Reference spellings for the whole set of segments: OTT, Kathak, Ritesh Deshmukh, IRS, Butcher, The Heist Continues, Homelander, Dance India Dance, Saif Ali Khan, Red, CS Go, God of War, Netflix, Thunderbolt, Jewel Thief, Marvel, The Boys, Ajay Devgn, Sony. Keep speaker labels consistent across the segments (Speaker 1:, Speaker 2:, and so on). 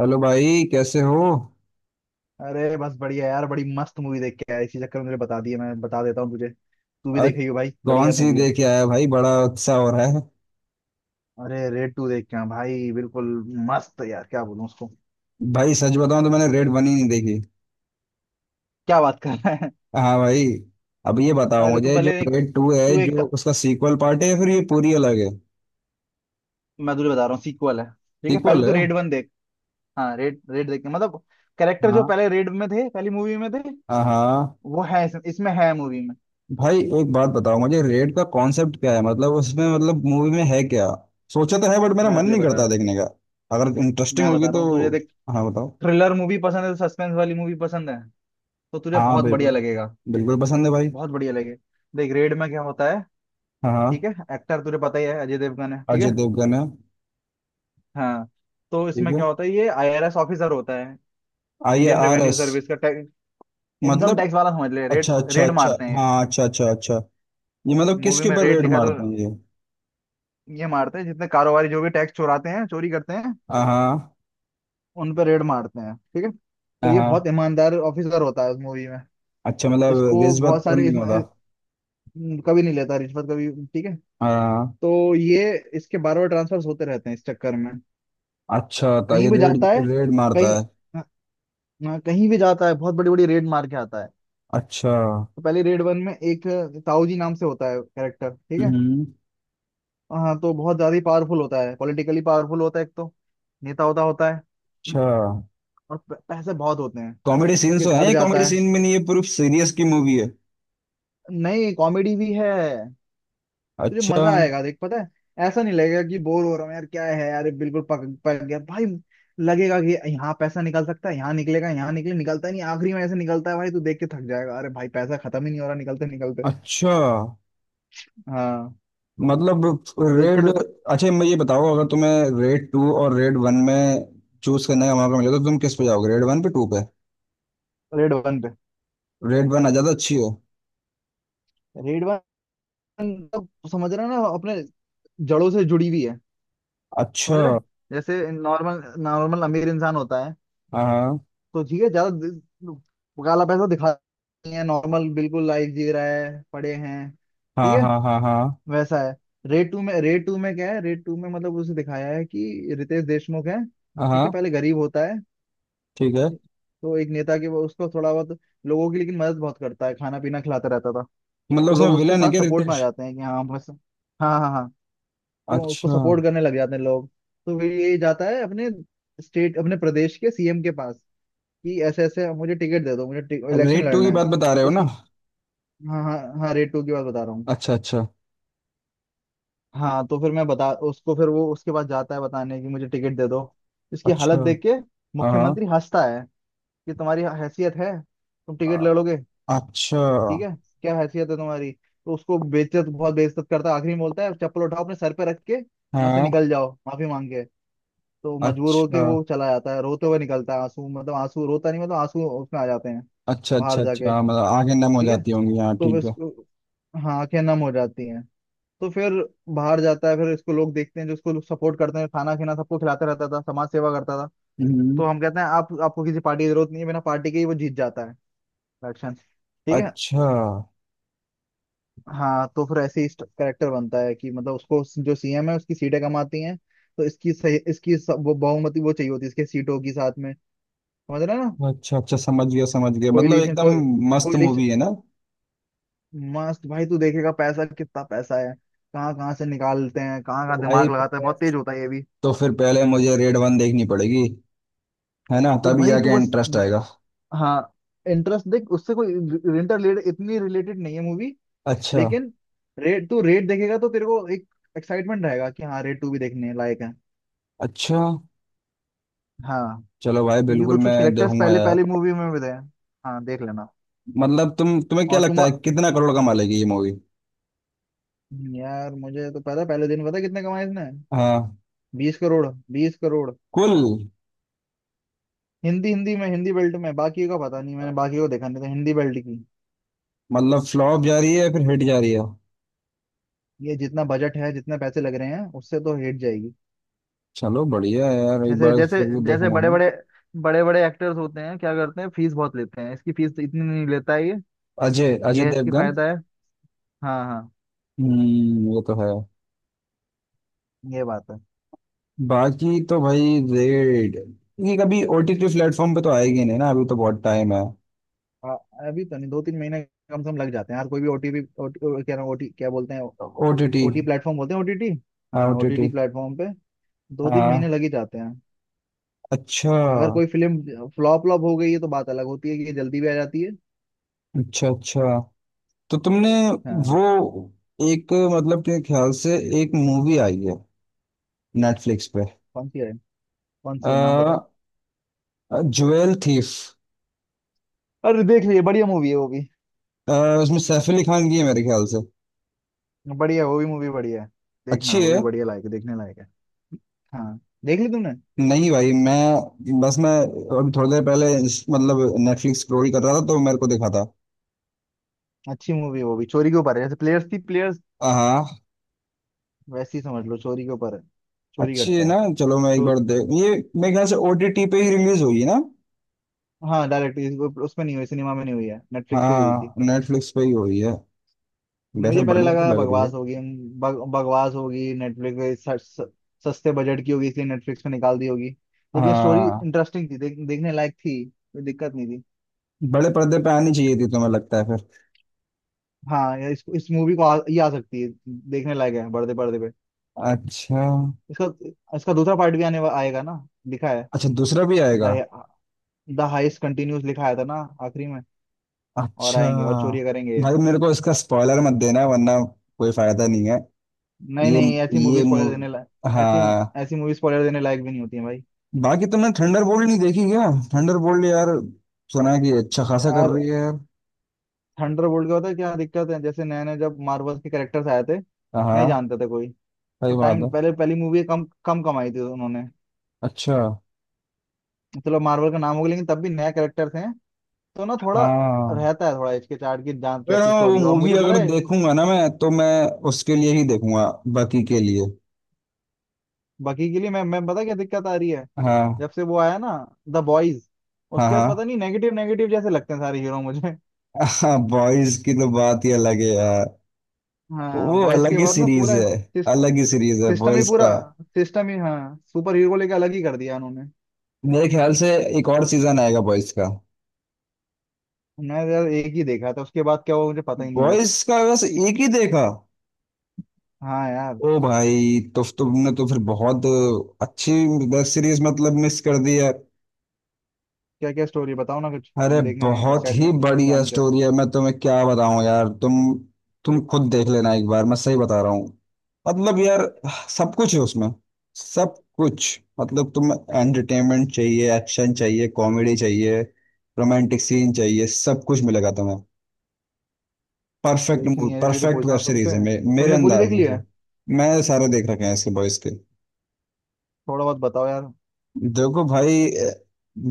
Speaker 1: Hello भाई, कैसे हो?
Speaker 2: अरे बस बढ़िया यार। बड़ी मस्त मूवी देख के आया। इसी चक्कर में मुझे बता दिया। मैं बता देता हूँ तुझे तू भी
Speaker 1: आज
Speaker 2: देखेगी भाई।
Speaker 1: कौन
Speaker 2: बढ़िया
Speaker 1: सी
Speaker 2: मूवी है।
Speaker 1: देख के आया भाई? बड़ा उत्साह हो रहा है।
Speaker 2: अरे रेड टू देख के आया भाई। बिल्कुल मस्त है यार क्या बोलूं उसको।
Speaker 1: भाई सच बताऊं तो मैंने रेड वन ही नहीं देखी।
Speaker 2: क्या बात कर रहा है।
Speaker 1: हाँ भाई। अब ये बताओ
Speaker 2: अरे तू
Speaker 1: मुझे, जो
Speaker 2: पहले एक
Speaker 1: रेड टू है,
Speaker 2: तू एक
Speaker 1: जो उसका सीक्वल पार्ट है या फिर ये पूरी अलग है?
Speaker 2: मैं तुझे बता रहा हूँ सीक्वल है। ठीक है पहले
Speaker 1: सीक्वल
Speaker 2: तू
Speaker 1: है?
Speaker 2: रेड वन देख। हाँ रेड रेड देख के मतलब कैरेक्टर जो
Speaker 1: हाँ
Speaker 2: पहले रेड में थे पहली मूवी में थे
Speaker 1: हाँ हाँ।
Speaker 2: वो है इसमें है मूवी में।
Speaker 1: भाई एक बात बताओ मुझे, रेड का कॉन्सेप्ट क्या है? मतलब उसमें मतलब मूवी में है क्या? सोचा तो है बट मेरा
Speaker 2: मैं
Speaker 1: मन
Speaker 2: तुझे
Speaker 1: नहीं
Speaker 2: बता
Speaker 1: करता
Speaker 2: रहा हूँ।
Speaker 1: देखने का। अगर इंटरेस्टिंग
Speaker 2: मैं
Speaker 1: होगी
Speaker 2: बता रहा
Speaker 1: तो।
Speaker 2: हूँ तुझे देख।
Speaker 1: हाँ, बताओ।
Speaker 2: थ्रिलर मूवी पसंद है सस्पेंस वाली मूवी पसंद है तो तुझे
Speaker 1: हाँ
Speaker 2: बहुत बढ़िया
Speaker 1: बिल्कुल,
Speaker 2: लगेगा।
Speaker 1: बिल्कुल पसंद है भाई।
Speaker 2: बहुत बढ़िया लगेगा। देख रेड में क्या होता है
Speaker 1: हाँ
Speaker 2: ठीक
Speaker 1: हाँ।
Speaker 2: है। एक्टर तुझे पता ही है अजय देवगन है ठीक
Speaker 1: अजय
Speaker 2: है।
Speaker 1: देवगन है?
Speaker 2: हाँ तो
Speaker 1: ठीक
Speaker 2: इसमें
Speaker 1: है।
Speaker 2: क्या होता है, ये आईआरएस ऑफिसर होता है।
Speaker 1: I
Speaker 2: Indian
Speaker 1: R
Speaker 2: revenue
Speaker 1: S
Speaker 2: service का टैक्स, इनकम
Speaker 1: मतलब?
Speaker 2: टैक्स वाला समझ ले। रेड,
Speaker 1: अच्छा अच्छा
Speaker 2: रेड
Speaker 1: अच्छा,
Speaker 2: मारते हैं
Speaker 1: हाँ अच्छा अच्छा अच्छा। ये मतलब
Speaker 2: मूवी
Speaker 1: किसके
Speaker 2: में
Speaker 1: ऊपर
Speaker 2: रेड
Speaker 1: रेड
Speaker 2: लिखा तो।
Speaker 1: मारते हैं ये?
Speaker 2: ये मारते हैं जितने कारोबारी जो भी टैक्स चुराते हैं चोरी करते हैं
Speaker 1: हाँ।
Speaker 2: उन पर रेड मारते हैं। ठीक है तो ये बहुत
Speaker 1: हाँ,
Speaker 2: ईमानदार ऑफिसर होता है उस मूवी में।
Speaker 1: अच्छा। मतलब
Speaker 2: इसको
Speaker 1: रिश्वत
Speaker 2: बहुत
Speaker 1: तो
Speaker 2: सारे
Speaker 1: नहीं होता?
Speaker 2: कभी नहीं लेता रिश्वत कभी। ठीक है
Speaker 1: हाँ।
Speaker 2: तो ये, इसके बार बार ट्रांसफर होते रहते हैं इस चक्कर में।
Speaker 1: अच्छा, तो
Speaker 2: कहीं
Speaker 1: ये
Speaker 2: भी
Speaker 1: रेड
Speaker 2: जाता है।
Speaker 1: रेड मारता
Speaker 2: कहीं,
Speaker 1: है।
Speaker 2: हाँ, कहीं भी जाता है बहुत बड़ी बड़ी रेड मार के आता है।
Speaker 1: अच्छा।
Speaker 2: तो पहले रेड वन में एक ताऊ जी नाम से होता है कैरेक्टर ठीक है।
Speaker 1: हम्म।
Speaker 2: हाँ, तो बहुत ज्यादा ही पावरफुल होता है, पॉलिटिकली पावरफुल होता है एक तो, नेता होता होता है।
Speaker 1: अच्छा।
Speaker 2: और पैसे बहुत होते हैं।
Speaker 1: कॉमेडी सीन
Speaker 2: उसके
Speaker 1: तो
Speaker 2: घर
Speaker 1: है? कॉमेडी
Speaker 2: जाता है।
Speaker 1: सीन में नहीं ये पूरी सीरियस की मूवी है?
Speaker 2: नहीं कॉमेडी भी है। तुझे
Speaker 1: अच्छा।
Speaker 2: मजा आएगा देख पता है। ऐसा नहीं लगेगा कि बोर हो रहा हूँ यार क्या है यार ये बिल्कुल पक पक गया भाई। लगेगा कि यहाँ पैसा निकल सकता है, यहाँ निकलेगा, यहाँ निकले, निकलता नहीं, आखिरी में ऐसे निकलता है भाई तू देख के थक जाएगा। अरे भाई पैसा खत्म ही नहीं हो रहा निकलते निकलते।
Speaker 1: अच्छा।
Speaker 2: हाँ
Speaker 1: मतलब
Speaker 2: देख
Speaker 1: रेड,
Speaker 2: फिर।
Speaker 1: अच्छा मैं ये बताओ, अगर तुम्हें रेड टू और रेड वन में चूज करने का मौका मिले तो तुम किस पे जाओगे? रेड वन पे, टू पे?
Speaker 2: रेड वन पे।
Speaker 1: रेड वन आ ज्यादा अच्छी हो?
Speaker 2: रेड वन तो समझ रहा है ना अपने जड़ों से जुड़ी हुई है। समझ
Speaker 1: अच्छा।
Speaker 2: रहे हैं? जैसे नॉर्मल नॉर्मल अमीर इंसान होता है
Speaker 1: हाँ
Speaker 2: तो ठीक है, ज्यादा काला पैसा दिखा नहीं है, नॉर्मल बिल्कुल लाइफ जी रहा है पड़े हैं ठीक
Speaker 1: हाँ
Speaker 2: है,
Speaker 1: हाँ हाँ। हाँ
Speaker 2: वैसा है। रेड टू में मतलब उसे दिखाया है कि रितेश देशमुख है
Speaker 1: हाँ
Speaker 2: ठीक है,
Speaker 1: हाँ,
Speaker 2: पहले गरीब होता है।
Speaker 1: ठीक है।
Speaker 2: तो एक नेता के वो उसको थोड़ा बहुत, लोगों की लेकिन मदद बहुत करता है खाना पीना खिलाता रहता था।
Speaker 1: मतलब
Speaker 2: तो
Speaker 1: उसमें
Speaker 2: लोग उसके
Speaker 1: विलन है
Speaker 2: साथ
Speaker 1: क्या
Speaker 2: सपोर्ट में आ
Speaker 1: रितेश?
Speaker 2: जाते हैं कि हाँ बस। हाँ हाँ हाँ। तो उसको
Speaker 1: अच्छा।
Speaker 2: सपोर्ट करने लग जाते हैं लोग। तो फिर ये जाता है अपने स्टेट, अपने प्रदेश के सीएम के पास कि ऐसे ऐसे मुझे टिकट दे दो, मुझे इलेक्शन
Speaker 1: रेड टू
Speaker 2: लड़ना
Speaker 1: की
Speaker 2: है
Speaker 1: बात बता रहे
Speaker 2: तो
Speaker 1: हो
Speaker 2: उसकी।
Speaker 1: ना?
Speaker 2: हाँ हाँ हाँ रेट टू की बात बता रहा हूँ।
Speaker 1: अच्छा अच्छा।
Speaker 2: हाँ तो फिर मैं बता, उसको फिर वो उसके पास जाता है बताने कि मुझे टिकट दे दो, इसकी
Speaker 1: अच्छा।
Speaker 2: हालत देख के
Speaker 1: हाँ हाँ।
Speaker 2: मुख्यमंत्री हंसता है कि तुम्हारी हैसियत है तुम टिकट
Speaker 1: अ-
Speaker 2: लड़ोगे
Speaker 1: अच्छा।
Speaker 2: ठीक है, क्या हैसियत है तुम्हारी। तो उसको बेइज्जत, बहुत बेइज्जत करता है। आखिरी में बोलता है चप्पल उठाओ अपने सर पे रख के यहाँ से
Speaker 1: हाँ।
Speaker 2: निकल जाओ माफी मांग के। तो मजबूर होके
Speaker 1: अच्छा
Speaker 2: वो चला जाता है, रोते हुए निकलता है, आंसू मतलब आंसू रोता नहीं मतलब आंसू उसमें आ जाते हैं
Speaker 1: अच्छा
Speaker 2: बाहर
Speaker 1: अच्छा। अच्छा
Speaker 2: जाके
Speaker 1: हाँ, मतलब आगे नम हो
Speaker 2: ठीक है,
Speaker 1: जाती होंगी। हाँ,
Speaker 2: तो वो
Speaker 1: ठीक है।
Speaker 2: इसको। हाँ, आंखें नम हो जाती हैं। तो फिर बाहर जाता है, फिर इसको लोग देखते हैं जो इसको लोग सपोर्ट करते हैं, खाना खीना सबको खिलाते रहता था, समाज सेवा करता था,
Speaker 1: हम्म।
Speaker 2: तो हम कहते हैं आप, आपको किसी पार्टी की जरूरत नहीं है, बिना पार्टी के ही वो जीत जाता है इलेक्शन। ठीक है।
Speaker 1: अच्छा
Speaker 2: हाँ तो फिर ऐसे ही करेक्टर बनता है कि मतलब उसको जो सीएम है उसकी सीटें कम आती हैं। तो इसकी सही इसकी स- वो बहुमति वो चाहिए होती है इसके सीटों की साथ में। समझ रहे हैं ना?
Speaker 1: अच्छा अच्छा, समझ गया समझ गया। मतलब
Speaker 2: कोयलिशन
Speaker 1: एकदम
Speaker 2: को।
Speaker 1: मस्त
Speaker 2: कोयलिशन।
Speaker 1: मूवी है ना?
Speaker 2: मस्त भाई तू देखेगा पैसा, कितना पैसा है, कहाँ कहाँ से निकालते हैं, कहाँ कहाँ
Speaker 1: तो भाई,
Speaker 2: दिमाग लगाता है, बहुत तेज होता है ये भी।
Speaker 1: तो फिर पहले मुझे रेड वन देखनी पड़ेगी, है ना?
Speaker 2: तू
Speaker 1: तभी
Speaker 2: भाई तू
Speaker 1: जाके
Speaker 2: बस।
Speaker 1: इंटरेस्ट आएगा।
Speaker 2: हाँ इंटरेस्ट देख, उससे कोई इंटर इतनी रिलेटेड नहीं है मूवी।
Speaker 1: अच्छा।
Speaker 2: लेकिन रेट देखेगा तो तेरे को एक एक्साइटमेंट रहेगा कि हाँ रेट टू भी देखने लायक है।
Speaker 1: अच्छा।
Speaker 2: हाँ
Speaker 1: चलो भाई,
Speaker 2: क्योंकि
Speaker 1: बिल्कुल
Speaker 2: कुछ
Speaker 1: मैं
Speaker 2: कुछ कैरेक्टर्स
Speaker 1: देखूंगा
Speaker 2: पहले,
Speaker 1: यार।
Speaker 2: पहले मूवी में भी थे। हाँ देख लेना।
Speaker 1: मतलब तुम्हें क्या
Speaker 2: और तुम,
Speaker 1: लगता है, कितना करोड़ कमा लेगी ये मूवी?
Speaker 2: यार मुझे तो पता है, पहले दिन पता है कितने कमाए इसने।
Speaker 1: हाँ।
Speaker 2: 20 करोड़। 20 करोड़
Speaker 1: कुल?
Speaker 2: हिंदी हिंदी में, हिंदी बेल्ट में, बाकी का पता नहीं, मैंने बाकी को देखा नहीं तो हिंदी बेल्ट की।
Speaker 1: मतलब फ्लॉप जा रही है या फिर हिट जा रही है?
Speaker 2: ये जितना बजट है जितने पैसे लग रहे हैं उससे तो हिट जाएगी।
Speaker 1: चलो बढ़िया है यार, एक
Speaker 2: जैसे
Speaker 1: बार
Speaker 2: जैसे
Speaker 1: फिर भी
Speaker 2: जैसे
Speaker 1: देखूंगा मैं।
Speaker 2: बड़े बड़े एक्टर्स होते हैं क्या करते हैं फीस बहुत लेते हैं, इसकी फीस इतनी नहीं लेता है ये।
Speaker 1: अजय अजय
Speaker 2: ये है इसकी
Speaker 1: देवगन।
Speaker 2: फायदा है। हाँ हाँ
Speaker 1: हम्म, वो तो है।
Speaker 2: ये बात है।
Speaker 1: बाकी तो भाई, रेड, ये कभी ओटीटी प्लेटफॉर्म पे तो आएगी नहीं ना? अभी तो बहुत टाइम है।
Speaker 2: आ, अभी तो नहीं, 2-3 महीने कम से कम लग जाते हैं यार कोई भी ओटीपी, क्या नाम, ओटी क्या बोलते हैं,
Speaker 1: ओटीटी।
Speaker 2: ओटी प्लेटफॉर्म बोलते हैं, ओटीटी।
Speaker 1: हाँ
Speaker 2: हाँ ओटीटी
Speaker 1: ओटीटी।
Speaker 2: प्लेटफॉर्म पे 2-3 महीने
Speaker 1: हाँ।
Speaker 2: लग ही जाते हैं।
Speaker 1: अच्छा
Speaker 2: अगर कोई फिल्म फ्लॉप फ्लॉप हो गई है तो बात अलग होती है कि ये जल्दी भी आ जाती है।
Speaker 1: अच्छा। अच्छा, तो तुमने
Speaker 2: हाँ
Speaker 1: वो, एक मतलब के ख्याल से, एक मूवी आई है नेटफ्लिक्स पे।
Speaker 2: कौन सी है? कौन सी है नाम
Speaker 1: आ,
Speaker 2: बताओ।
Speaker 1: Jewel thief.
Speaker 2: अरे देख लिए, बढ़िया मूवी है वो भी।
Speaker 1: उसमें सैफ अली खान की है मेरे ख्याल से।
Speaker 2: बढ़िया, वो भी मूवी बढ़िया है। देखना,
Speaker 1: अच्छी
Speaker 2: वो भी
Speaker 1: है?
Speaker 2: बढ़िया लायक है, देखने लायक है। हाँ देख ली तुमने।
Speaker 1: नहीं भाई, मैं अभी थोड़ी देर पहले मतलब नेटफ्लिक्स स्क्रॉल कर रहा था तो मेरे को दिखा था।
Speaker 2: अच्छी मूवी है वो भी, चोरी के ऊपर है जैसे प्लेयर्स थी, प्लेयर्स
Speaker 1: हाँ हाँ,
Speaker 2: वैसी ही समझ लो, चोरी के ऊपर है, चोरी
Speaker 1: अच्छी है
Speaker 2: करता है
Speaker 1: ना? चलो मैं एक बार
Speaker 2: चोर।
Speaker 1: देख ये। मेरे ख्याल से ओटीटी पे ही रिलीज हुई है ना?
Speaker 2: हाँ डायरेक्ट उसमें नहीं हुई, सिनेमा में नहीं हुई है, नेटफ्लिक्स पे ही हुई
Speaker 1: हाँ,
Speaker 2: थी।
Speaker 1: नेटफ्लिक्स पे ही हुई है। वैसे
Speaker 2: मुझे पहले
Speaker 1: बढ़िया तो
Speaker 2: लगा
Speaker 1: लग रही है।
Speaker 2: बकवास होगी, बकवास होगी नेटफ्लिक्स पे, सस्ते बजट की होगी इसलिए नेटफ्लिक्स पे निकाल दी होगी। लेकिन स्टोरी
Speaker 1: हाँ।
Speaker 2: इंटरेस्टिंग थी, देखने लायक थी, कोई दिक्कत नहीं थी।
Speaker 1: बड़े पर्दे पे आनी चाहिए थी, तुम्हें लगता है फिर?
Speaker 2: हाँ इस मूवी को, ये आ सकती है, देखने लायक है बड़े पर्दे पे।
Speaker 1: अच्छा।
Speaker 2: इसका इसका दूसरा पार्ट भी आएगा ना, लिखा है।
Speaker 1: अच्छा, दूसरा भी आएगा?
Speaker 2: द हाइस्ट कंटिन्यूस लिखा आया था ना आखिरी में, और
Speaker 1: अच्छा।
Speaker 2: आएंगे और चोरी करेंगे ये।
Speaker 1: भाई, मेरे को इसका स्पॉइलर मत देना वरना कोई फायदा नहीं है।
Speaker 2: नहीं
Speaker 1: ये,
Speaker 2: नहीं ऐसी मूवी स्पॉइलर देने लायक। ऐसी
Speaker 1: हाँ।
Speaker 2: ऐसी मूवी स्पॉइलर देने लायक भी नहीं होती है भाई।
Speaker 1: बाकी तुमने थंडर बोल्ट नहीं देखी क्या? थंडर बोल्ट यार, सुना है कि अच्छा खासा कर
Speaker 2: यार
Speaker 1: रही है यार।
Speaker 2: थंडरबोल्ट का पता है क्या दिक्कत है, जैसे नए नए जब मार्वल के कैरेक्टर्स आए थे नहीं
Speaker 1: हाँ।
Speaker 2: जानते थे कोई, तो
Speaker 1: सही बात
Speaker 2: टाइम
Speaker 1: है।
Speaker 2: पहले पहली मूवी कम कम कमाई थी उन्होंने।
Speaker 1: अच्छा।
Speaker 2: चलो मार्वल का नाम हो गया लेकिन तब भी नए कैरेक्टर्स हैं तो ना थोड़ा
Speaker 1: हाँ।
Speaker 2: रहता है, थोड़ा हिचकिचाहट की जान
Speaker 1: अगर,
Speaker 2: कैसी
Speaker 1: हाँ, वो
Speaker 2: स्टोरी हो, और
Speaker 1: मूवी
Speaker 2: मुझे पता
Speaker 1: अगर
Speaker 2: है।
Speaker 1: देखूंगा ना मैं, तो मैं उसके लिए ही देखूंगा। बाकी के लिए,
Speaker 2: बाकी के लिए मैं पता क्या दिक्कत आ रही है।
Speaker 1: हाँ
Speaker 2: जब से वो आया ना द बॉयज,
Speaker 1: हाँ
Speaker 2: उसके बाद पता
Speaker 1: हाँ।
Speaker 2: नहीं, नेगेटिव नेगेटिव जैसे लगते हैं सारे हीरो मुझे।
Speaker 1: हाँ, बॉयज की तो बात ही अलग है यार।
Speaker 2: हाँ
Speaker 1: वो
Speaker 2: बॉयज
Speaker 1: अलग
Speaker 2: के
Speaker 1: ही
Speaker 2: बाद ना
Speaker 1: सीरीज
Speaker 2: पूरा,
Speaker 1: है, अलग ही सीरीज है
Speaker 2: सिस्टम ही
Speaker 1: बॉयज
Speaker 2: पूरा
Speaker 1: का।
Speaker 2: सिस्टम ही हाँ, सुपर हीरो को लेकर अलग ही कर दिया उन्होंने।
Speaker 1: मेरे ख्याल से एक और सीजन आएगा बॉयज का।
Speaker 2: मैं यार एक ही देखा था, उसके बाद क्या हुआ मुझे पता ही नहीं कुछ।
Speaker 1: बॉयज का बस एक ही देखा?
Speaker 2: हाँ यार
Speaker 1: ओ भाई, तो तुमने फिर बहुत अच्छी वेब सीरीज मतलब मिस कर दी है।
Speaker 2: क्या क्या स्टोरी बताओ ना कुछ,
Speaker 1: अरे
Speaker 2: मैं देखने
Speaker 1: बहुत ही
Speaker 2: एक्साइटमेंट
Speaker 1: बढ़िया
Speaker 2: जान के।
Speaker 1: स्टोरी है, मैं तुम्हें क्या बताऊं यार। तुम खुद देख लेना एक बार, मैं सही बता रहा हूँ। मतलब यार, सब कुछ है उसमें। सब कुछ मतलब, तुम्हें एंटरटेनमेंट चाहिए, एक्शन चाहिए, कॉमेडी चाहिए, रोमांटिक सीन चाहिए, सब कुछ मिलेगा तुम्हें। परफेक्ट।
Speaker 2: देखी नहीं है इसलिए तो
Speaker 1: परफेक्ट
Speaker 2: पूछ रहा
Speaker 1: वेब
Speaker 2: हूँ
Speaker 1: सीरीज
Speaker 2: तुमसे,
Speaker 1: है, मेरे
Speaker 2: तुमने पूरी
Speaker 1: अंदाज
Speaker 2: देख ली है
Speaker 1: से। मैं सारे देख रखे हैं इसके बॉयज के।
Speaker 2: थोड़ा बहुत बताओ यार।
Speaker 1: देखो भाई,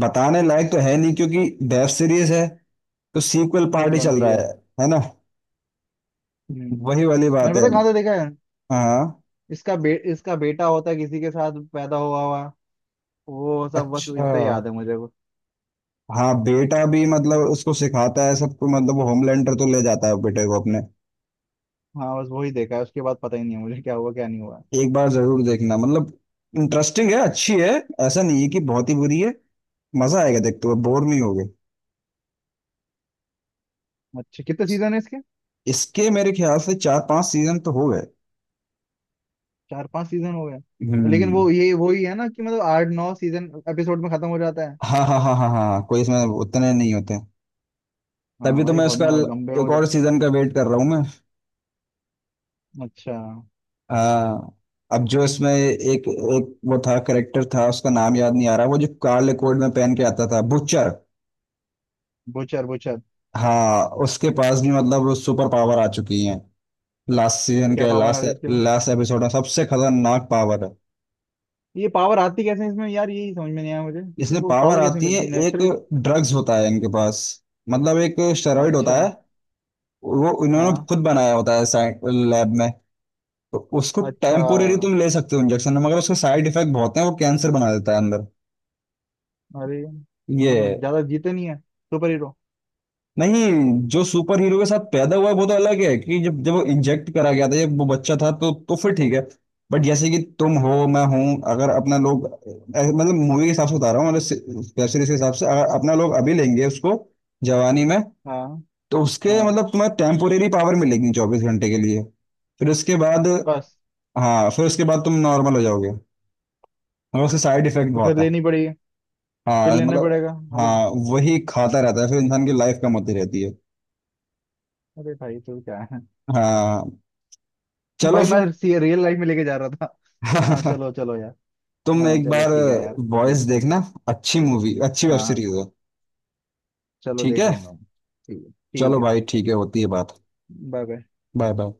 Speaker 1: बताने लायक तो है नहीं क्योंकि वेब सीरीज है, तो सीक्वल पार्टी चल
Speaker 2: लंबी
Speaker 1: रहा
Speaker 2: है।
Speaker 1: है ना?
Speaker 2: हम्म।
Speaker 1: वही वाली
Speaker 2: मैंने
Speaker 1: बात
Speaker 2: पता
Speaker 1: है।
Speaker 2: है कहाँ से देखा है।
Speaker 1: हाँ।
Speaker 2: इसका बेटा होता है किसी के साथ पैदा हुआ हुआ। वो सब, बस
Speaker 1: अच्छा।
Speaker 2: इतना ही याद है मुझे वो।
Speaker 1: हाँ बेटा भी, मतलब उसको सिखाता है सबको, मतलब वो होमलैंडर तो ले जाता है बेटे को अपने।
Speaker 2: हाँ बस वही देखा है, उसके बाद पता ही नहीं है मुझे क्या हुआ क्या नहीं हुआ।
Speaker 1: एक बार जरूर देखना, मतलब इंटरेस्टिंग है, अच्छी है। ऐसा नहीं है कि बहुत ही बुरी है। मजा आएगा देखते हुए, बोर नहीं होगे।
Speaker 2: अच्छा कितने सीजन है इसके।
Speaker 1: इसके मेरे ख्याल से 4-5 सीजन तो हो गए।
Speaker 2: 4-5 सीजन हो गए। लेकिन
Speaker 1: हम्म।
Speaker 2: वो ये वही है ना कि मतलब 8-9 सीजन एपिसोड में खत्म हो जाता है।
Speaker 1: हाँ हाँ हाँ हाँ हाँ, कोई इसमें उतने नहीं होते।
Speaker 2: हाँ
Speaker 1: तभी तो
Speaker 2: भाई
Speaker 1: मैं
Speaker 2: बहुत
Speaker 1: उसका
Speaker 2: ना लंबे हो
Speaker 1: एक
Speaker 2: जा।
Speaker 1: और सीजन का वेट कर रहा हूँ मैं।
Speaker 2: अच्छा।
Speaker 1: हाँ। अब जो इसमें एक एक वो था, करेक्टर था, उसका नाम याद नहीं आ रहा, वो जो काले कोट में पहन के आता था, बुचर।
Speaker 2: Butcher butcher.
Speaker 1: हाँ, उसके पास भी मतलब सुपर पावर आ चुकी है, लास्ट सीजन
Speaker 2: क्या
Speaker 1: के
Speaker 2: पावर आ
Speaker 1: लास्ट,
Speaker 2: रही है उसके बाद?
Speaker 1: लास्ट एपिसोड में सबसे खतरनाक पावर है।
Speaker 2: ये पावर आती कैसे है इसमें यार, यही समझ में नहीं आया मुझे,
Speaker 1: इसमें
Speaker 2: इनको
Speaker 1: पावर
Speaker 2: पावर कैसे
Speaker 1: आती है,
Speaker 2: मिलती है,
Speaker 1: एक
Speaker 2: नेचुरल?
Speaker 1: ड्रग्स होता है इनके पास, मतलब एक स्टेरॉइड होता
Speaker 2: अच्छा।
Speaker 1: है। वो इन्होंने
Speaker 2: हाँ।
Speaker 1: खुद बनाया होता है साइंस लैब में। तो उसको
Speaker 2: अच्छा।
Speaker 1: टेम्पोरेरी तुम ले सकते हो इंजेक्शन में, मगर उसके साइड इफेक्ट बहुत हैं, वो कैंसर बना देता है अंदर।
Speaker 2: अरे तो
Speaker 1: ये है।
Speaker 2: मतलब ज्यादा जीते नहीं है सुपर हीरो।
Speaker 1: नहीं, जो सुपर हीरो के साथ पैदा हुआ है वो तो अलग है, कि जब जब वो इंजेक्ट करा गया था, जब वो बच्चा था, तो फिर ठीक है। बट जैसे कि तुम हो, मैं हूं, अगर अपना लोग, मतलब मूवी के हिसाब से बता रहा हूँ, मतलब वेब सीरीज के हिसाब से, अगर अपना लोग अभी लेंगे उसको, जवानी में,
Speaker 2: हाँ
Speaker 1: तो उसके
Speaker 2: हाँ
Speaker 1: मतलब तुम्हें टेम्पोरेरी पावर मिलेगी 24 घंटे के लिए। फिर उसके बाद,
Speaker 2: बस।
Speaker 1: हाँ, फिर उसके बाद तुम नॉर्मल हो जाओगे और उसके साइड इफेक्ट
Speaker 2: तो फिर
Speaker 1: बहुत है।
Speaker 2: लेनी पड़ेगी, फिर
Speaker 1: हाँ,
Speaker 2: लेना
Speaker 1: मतलब,
Speaker 2: पड़ेगा अगले।
Speaker 1: हाँ वही खाता रहता है, फिर इंसान की लाइफ कम होती रहती है।
Speaker 2: अरे भाई तो क्या है।
Speaker 1: हाँ। चलो
Speaker 2: भाई मैं
Speaker 1: फिर।
Speaker 2: सी रियल लाइफ में लेके जा रहा था। हाँ चलो चलो यार।
Speaker 1: तुम
Speaker 2: हाँ
Speaker 1: एक
Speaker 2: चलो
Speaker 1: बार
Speaker 2: ठीक है यार। ये-
Speaker 1: बॉयज देखना, अच्छी मूवी, अच्छी
Speaker 2: हाँ
Speaker 1: वेब
Speaker 2: हाँ
Speaker 1: सीरीज है।
Speaker 2: चलो
Speaker 1: ठीक
Speaker 2: देख
Speaker 1: है,
Speaker 2: लूंगा मैं। ठीक है ठीक
Speaker 1: चलो
Speaker 2: है।
Speaker 1: भाई ठीक है, होती है बात।
Speaker 2: Bye bye.
Speaker 1: Bye bye.